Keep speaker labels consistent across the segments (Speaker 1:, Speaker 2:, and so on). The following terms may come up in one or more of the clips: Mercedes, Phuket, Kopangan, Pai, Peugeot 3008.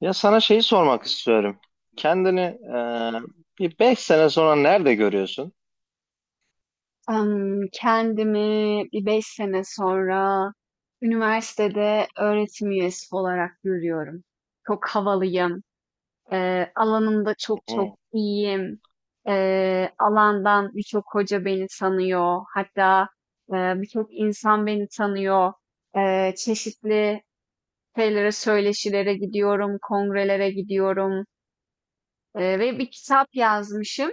Speaker 1: Ya sana şeyi sormak istiyorum. Kendini bir 5 sene sonra nerede görüyorsun?
Speaker 2: Kendimi bir 5 sene sonra üniversitede öğretim üyesi olarak görüyorum. Çok havalıyım, alanımda çok çok
Speaker 1: Hı.
Speaker 2: iyiyim. Alandan birçok hoca beni tanıyor. Hatta, birçok insan beni tanıyor. Çeşitli şeylere, söyleşilere gidiyorum, kongrelere gidiyorum, ve bir kitap yazmışım.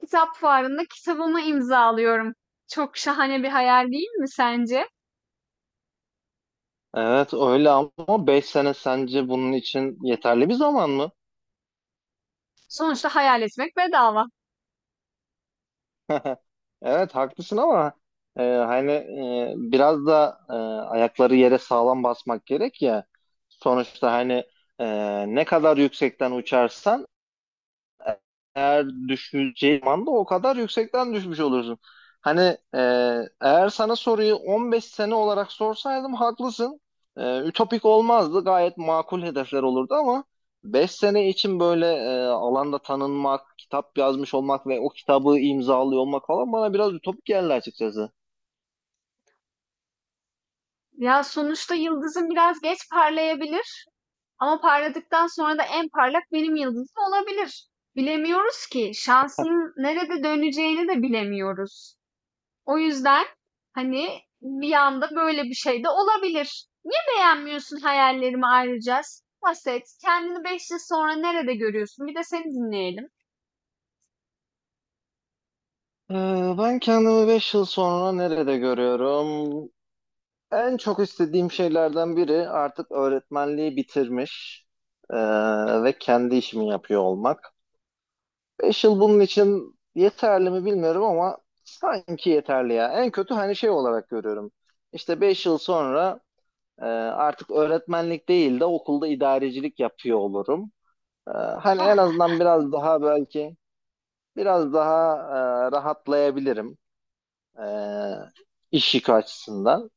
Speaker 2: Kitap fuarında kitabımı imzalıyorum. Çok şahane bir hayal değil mi sence?
Speaker 1: Evet öyle ama 5 sene sence bunun için yeterli bir zaman mı?
Speaker 2: Sonuçta hayal etmek bedava.
Speaker 1: Evet haklısın ama hani biraz da, ayakları yere sağlam basmak gerek ya. Sonuçta hani e, ne kadar yüksekten uçarsan eğer düşeceği zaman da o kadar yüksekten düşmüş olursun. Hani e, Eğer sana soruyu 15 sene olarak sorsaydım haklısın. Ütopik olmazdı. Gayet makul hedefler olurdu ama 5 sene için böyle alanda tanınmak, kitap yazmış olmak ve o kitabı imzalıyor olmak falan bana biraz ütopik geldi açıkçası.
Speaker 2: Ya sonuçta yıldızın biraz geç parlayabilir. Ama parladıktan sonra da en parlak benim yıldızım olabilir. Bilemiyoruz ki. Şansın nerede döneceğini de bilemiyoruz. O yüzden hani bir anda böyle bir şey de olabilir. Niye beğenmiyorsun hayallerimi ayrıca? Bahset. Kendini 5 yıl sonra nerede görüyorsun? Bir de seni dinleyelim.
Speaker 1: E, Ben kendimi 5 yıl sonra nerede görüyorum? En çok istediğim şeylerden biri artık öğretmenliği bitirmiş e, ve kendi işimi yapıyor olmak. 5 yıl bunun için yeterli mi bilmiyorum ama sanki yeterli ya. En kötü hani şey olarak görüyorum. İşte 5 yıl sonra artık öğretmenlik değil de okulda idarecilik yapıyor olurum. E, Hani en azından biraz daha belki biraz daha, rahatlayabilirim e, iş yükü açısından.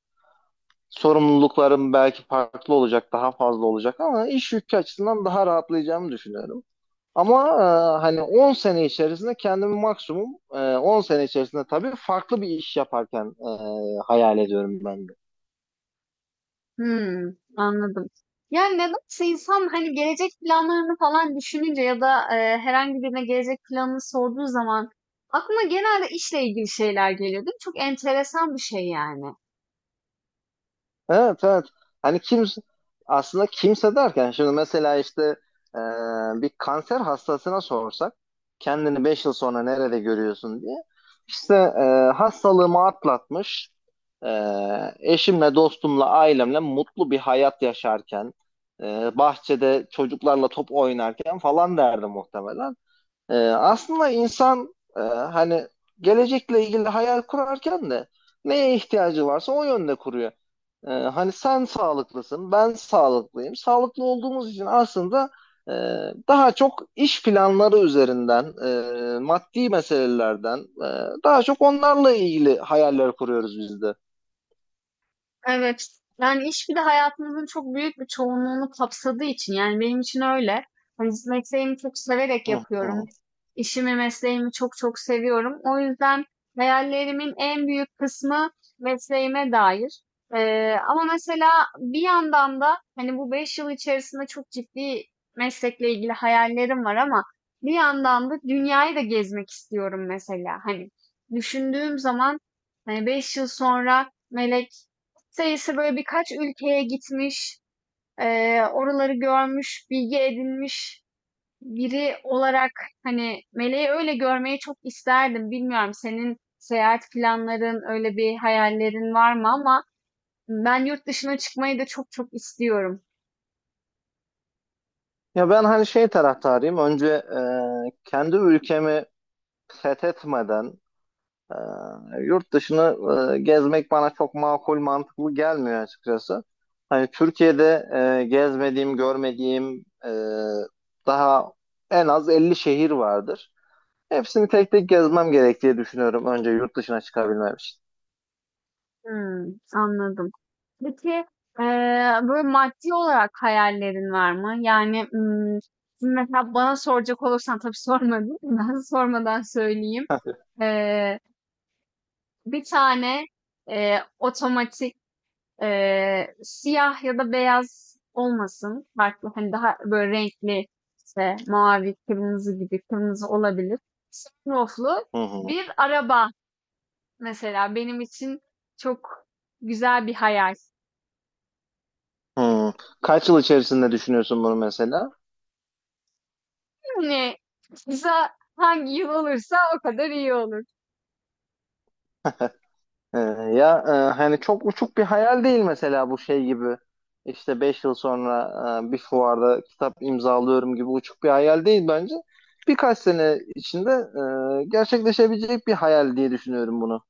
Speaker 1: Sorumluluklarım belki farklı olacak, daha fazla olacak ama iş yükü açısından daha rahatlayacağımı düşünüyorum. Ama hani 10 sene içerisinde kendimi maksimum 10 sene içerisinde tabii farklı bir iş yaparken hayal ediyorum ben de.
Speaker 2: Hımm, anladım. Yani, nedense insan, hani, gelecek planlarını falan düşününce ya da, herhangi birine gelecek planını sorduğu zaman aklına genelde işle ilgili şeyler geliyor, değil mi? Çok enteresan bir şey yani.
Speaker 1: Evet, evet. Hani kimse aslında kimse derken şimdi mesela işte e, bir kanser hastasına sorsak kendini 5 yıl sonra nerede görüyorsun diye işte hastalığımı atlatmış e, eşimle dostumla ailemle mutlu bir hayat yaşarken bahçede çocuklarla top oynarken falan derdi muhtemelen. Aslında insan hani gelecekle ilgili hayal kurarken de neye ihtiyacı varsa o yönde kuruyor. Hani sen sağlıklısın, ben sağlıklıyım. Sağlıklı olduğumuz için aslında e, daha çok iş planları üzerinden, maddi meselelerden, daha çok onlarla ilgili hayaller kuruyoruz biz de.
Speaker 2: Evet. Yani iş bir de hayatımızın çok büyük bir çoğunluğunu kapsadığı için yani benim için öyle. Hani mesleğimi çok severek
Speaker 1: Hı hı.
Speaker 2: yapıyorum. İşimi, mesleğimi çok çok seviyorum. O yüzden hayallerimin en büyük kısmı mesleğime dair. Ama mesela bir yandan da hani bu 5 yıl içerisinde çok ciddi meslekle ilgili hayallerim var ama bir yandan da dünyayı da gezmek istiyorum mesela. Hani düşündüğüm zaman hani 5 yıl sonra Melek sayısı böyle birkaç ülkeye gitmiş, oraları görmüş, bilgi edinmiş biri olarak hani Meleği öyle görmeyi çok isterdim. Bilmiyorum senin seyahat planların, öyle bir hayallerin var mı ama ben yurt dışına çıkmayı da çok çok istiyorum.
Speaker 1: Ya ben hani şey taraftarıyım. Önce kendi ülkemi fethetmeden, ee, yurt dışını gezmek bana çok makul, mantıklı gelmiyor açıkçası. Hani Türkiye'de gezmediğim, görmediğim, daha en az 50 şehir vardır. Hepsini tek tek gezmem gerek diye düşünüyorum önce yurt dışına çıkabilmem için.
Speaker 2: Hmm, anladım. Peki eee, böyle maddi olarak hayallerin var mı? Yani hmm, şimdi mesela bana soracak olursan tabii sormadın. Ben sormadan söyleyeyim.
Speaker 1: Heh.
Speaker 2: Bir tane, otomatik, siyah ya da beyaz olmasın. Farklı, hani, daha böyle renkli, işte, mavi, kırmızı gibi, kırmızı olabilir. Sunroof'lu
Speaker 1: Hı hı.
Speaker 2: bir araba mesela benim için çok güzel bir hayal.
Speaker 1: Hı. Kaç yıl içerisinde düşünüyorsun bunu mesela?
Speaker 2: Hani, kısa hangi yıl olursa o kadar iyi olur.
Speaker 1: Ee, Ya hani çok uçuk bir hayal değil mesela bu şey gibi işte 5 yıl sonra bir fuarda kitap imzalıyorum gibi uçuk bir hayal değil bence. Birkaç sene içinde gerçekleşebilecek bir hayal diye düşünüyorum bunu.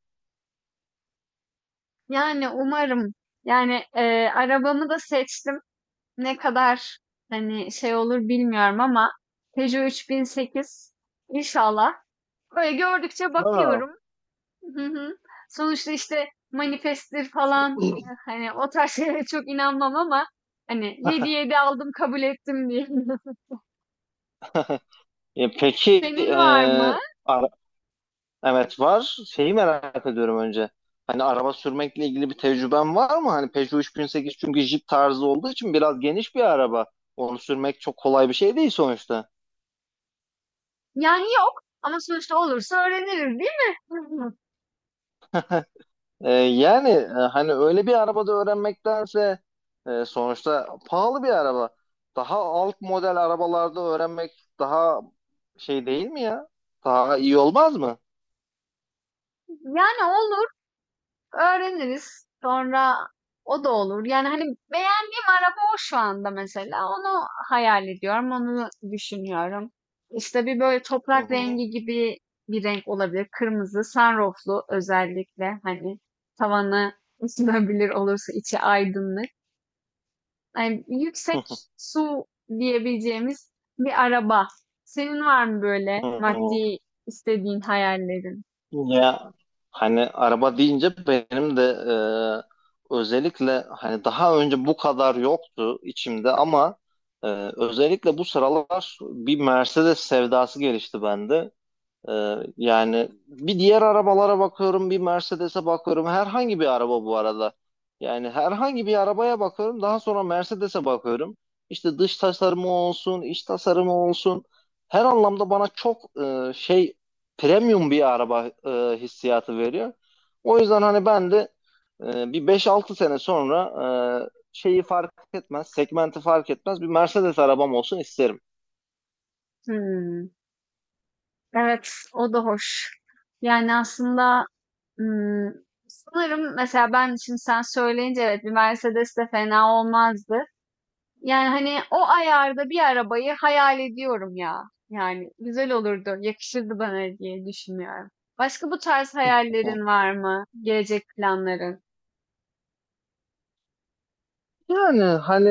Speaker 2: Yani umarım. Yani, arabamı da seçtim. Ne kadar hani şey olur bilmiyorum ama Peugeot 3008 inşallah. Böyle gördükçe
Speaker 1: Ha.
Speaker 2: bakıyorum. Hı hı. Sonuçta işte manifesttir falan hani o tarz şeylere çok inanmam ama hani 7-7 aldım kabul ettim diye.
Speaker 1: E, peki e,
Speaker 2: Senin var mı?
Speaker 1: ara- evet, var. Şeyi merak ediyorum önce. Hani araba sürmekle ilgili bir tecrüben var mı? Hani Peugeot 3008 çünkü Jeep tarzı olduğu için biraz geniş bir araba. Onu sürmek çok kolay bir şey değil sonuçta.
Speaker 2: Yani yok ama sonuçta olursa öğreniriz değil mi?
Speaker 1: Yani, hani öyle bir arabada öğrenmektense, sonuçta pahalı bir araba. Daha alt model arabalarda öğrenmek daha şey değil mi ya? Daha iyi olmaz mı?
Speaker 2: Yani olur. Öğreniriz. Sonra o da olur. Yani hani beğendiğim araba o şu anda mesela. Onu hayal ediyorum, onu düşünüyorum. İşte bir böyle
Speaker 1: Hı
Speaker 2: toprak
Speaker 1: hı.
Speaker 2: rengi gibi bir renk olabilir. Kırmızı, sunrooflu özellikle hani tavanı ısınabilir olursa içi aydınlık. Yani yüksek su diyebileceğimiz bir araba. Senin var mı böyle
Speaker 1: Hı hı.
Speaker 2: maddi istediğin hayallerin?
Speaker 1: Ya hani araba deyince benim de özellikle hani daha önce bu kadar yoktu içimde ama e, özellikle bu sıralar bir Mercedes sevdası gelişti bende. Yani bir diğer arabalara bakıyorum, bir Mercedes'e bakıyorum. Herhangi bir araba bu arada. Yani herhangi bir arabaya bakıyorum. Daha sonra Mercedes'e bakıyorum. İşte dış tasarımı olsun, iç tasarımı olsun. Her anlamda bana çok şey, premium bir araba, hissiyatı veriyor. O yüzden hani ben de bir beş altı sene sonra şeyi fark etmez, segmenti fark etmez bir Mercedes arabam olsun isterim.
Speaker 2: Hmm. Evet, o da hoş. Yani aslında ım, sanırım mesela ben şimdi sen söyleyince evet bir Mercedes de fena olmazdı. Yani hani o ayarda bir arabayı hayal ediyorum ya. Yani güzel olurdu, yakışırdı bana diye düşünüyorum. Başka bu tarz hayallerin var mı? Gelecek planların?
Speaker 1: Yani hani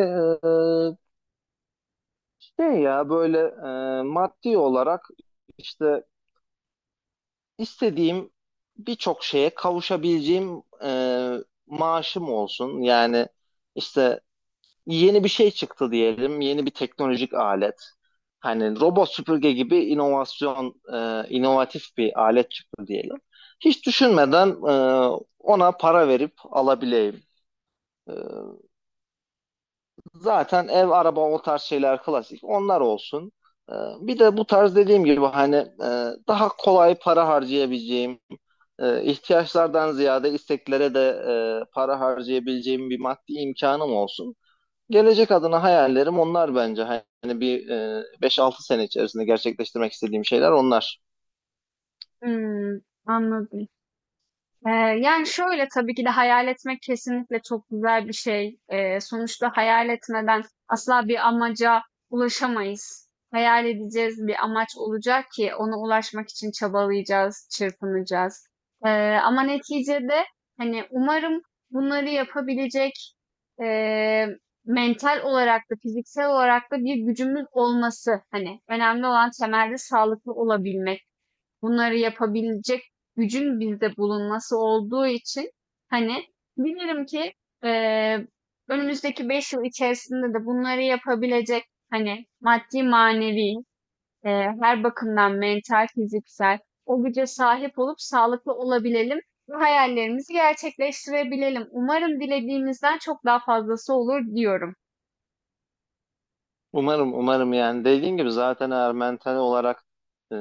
Speaker 1: şey ya böyle maddi olarak işte istediğim birçok şeye kavuşabileceğim maaşım olsun. Yani işte yeni bir şey çıktı diyelim, yeni bir teknolojik alet. Hani robot süpürge gibi inovasyon, inovatif bir alet çıktı diyelim. Hiç düşünmeden, ona para verip alabileyim. E, Zaten ev, araba o tarz şeyler klasik. Onlar olsun. Ee, bir de bu tarz dediğim gibi hani daha kolay para harcayabileceğim, ihtiyaçlardan ziyade isteklere de para harcayabileceğim bir maddi imkanım olsun. Gelecek adına hayallerim onlar bence. Hani 5-6 sene içerisinde gerçekleştirmek istediğim şeyler onlar.
Speaker 2: Hmm, anladım. Eee, Yani, şöyle, tabii ki de hayal etmek kesinlikle çok güzel bir şey. Sonuçta hayal etmeden asla bir amaca ulaşamayız. Hayal edeceğiz, bir amaç olacak ki ona ulaşmak için çabalayacağız, çırpınacağız. Ama neticede, hani, umarım bunları yapabilecek, eee, mental olarak da fiziksel olarak da bir gücümüz olması, hani, önemli olan temelde sağlıklı olabilmek bunları yapabilecek gücün bizde bulunması olduğu için hani bilirim ki eee, önümüzdeki 5 yıl içerisinde de bunları yapabilecek hani maddi manevi her bakımdan mental fiziksel o güce sahip olup sağlıklı olabilelim ve hayallerimizi gerçekleştirebilelim. Umarım dilediğimizden çok daha fazlası olur diyorum.
Speaker 1: Umarım, umarım. Yani dediğin gibi zaten eğer mental olarak e,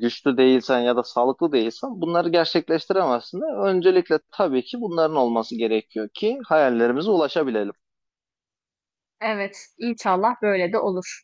Speaker 1: güçlü değilsen ya da sağlıklı değilsen bunları gerçekleştiremezsin de öncelikle tabii ki bunların olması gerekiyor ki hayallerimize ulaşabilelim.
Speaker 2: Evet, inşallah böyle de olur.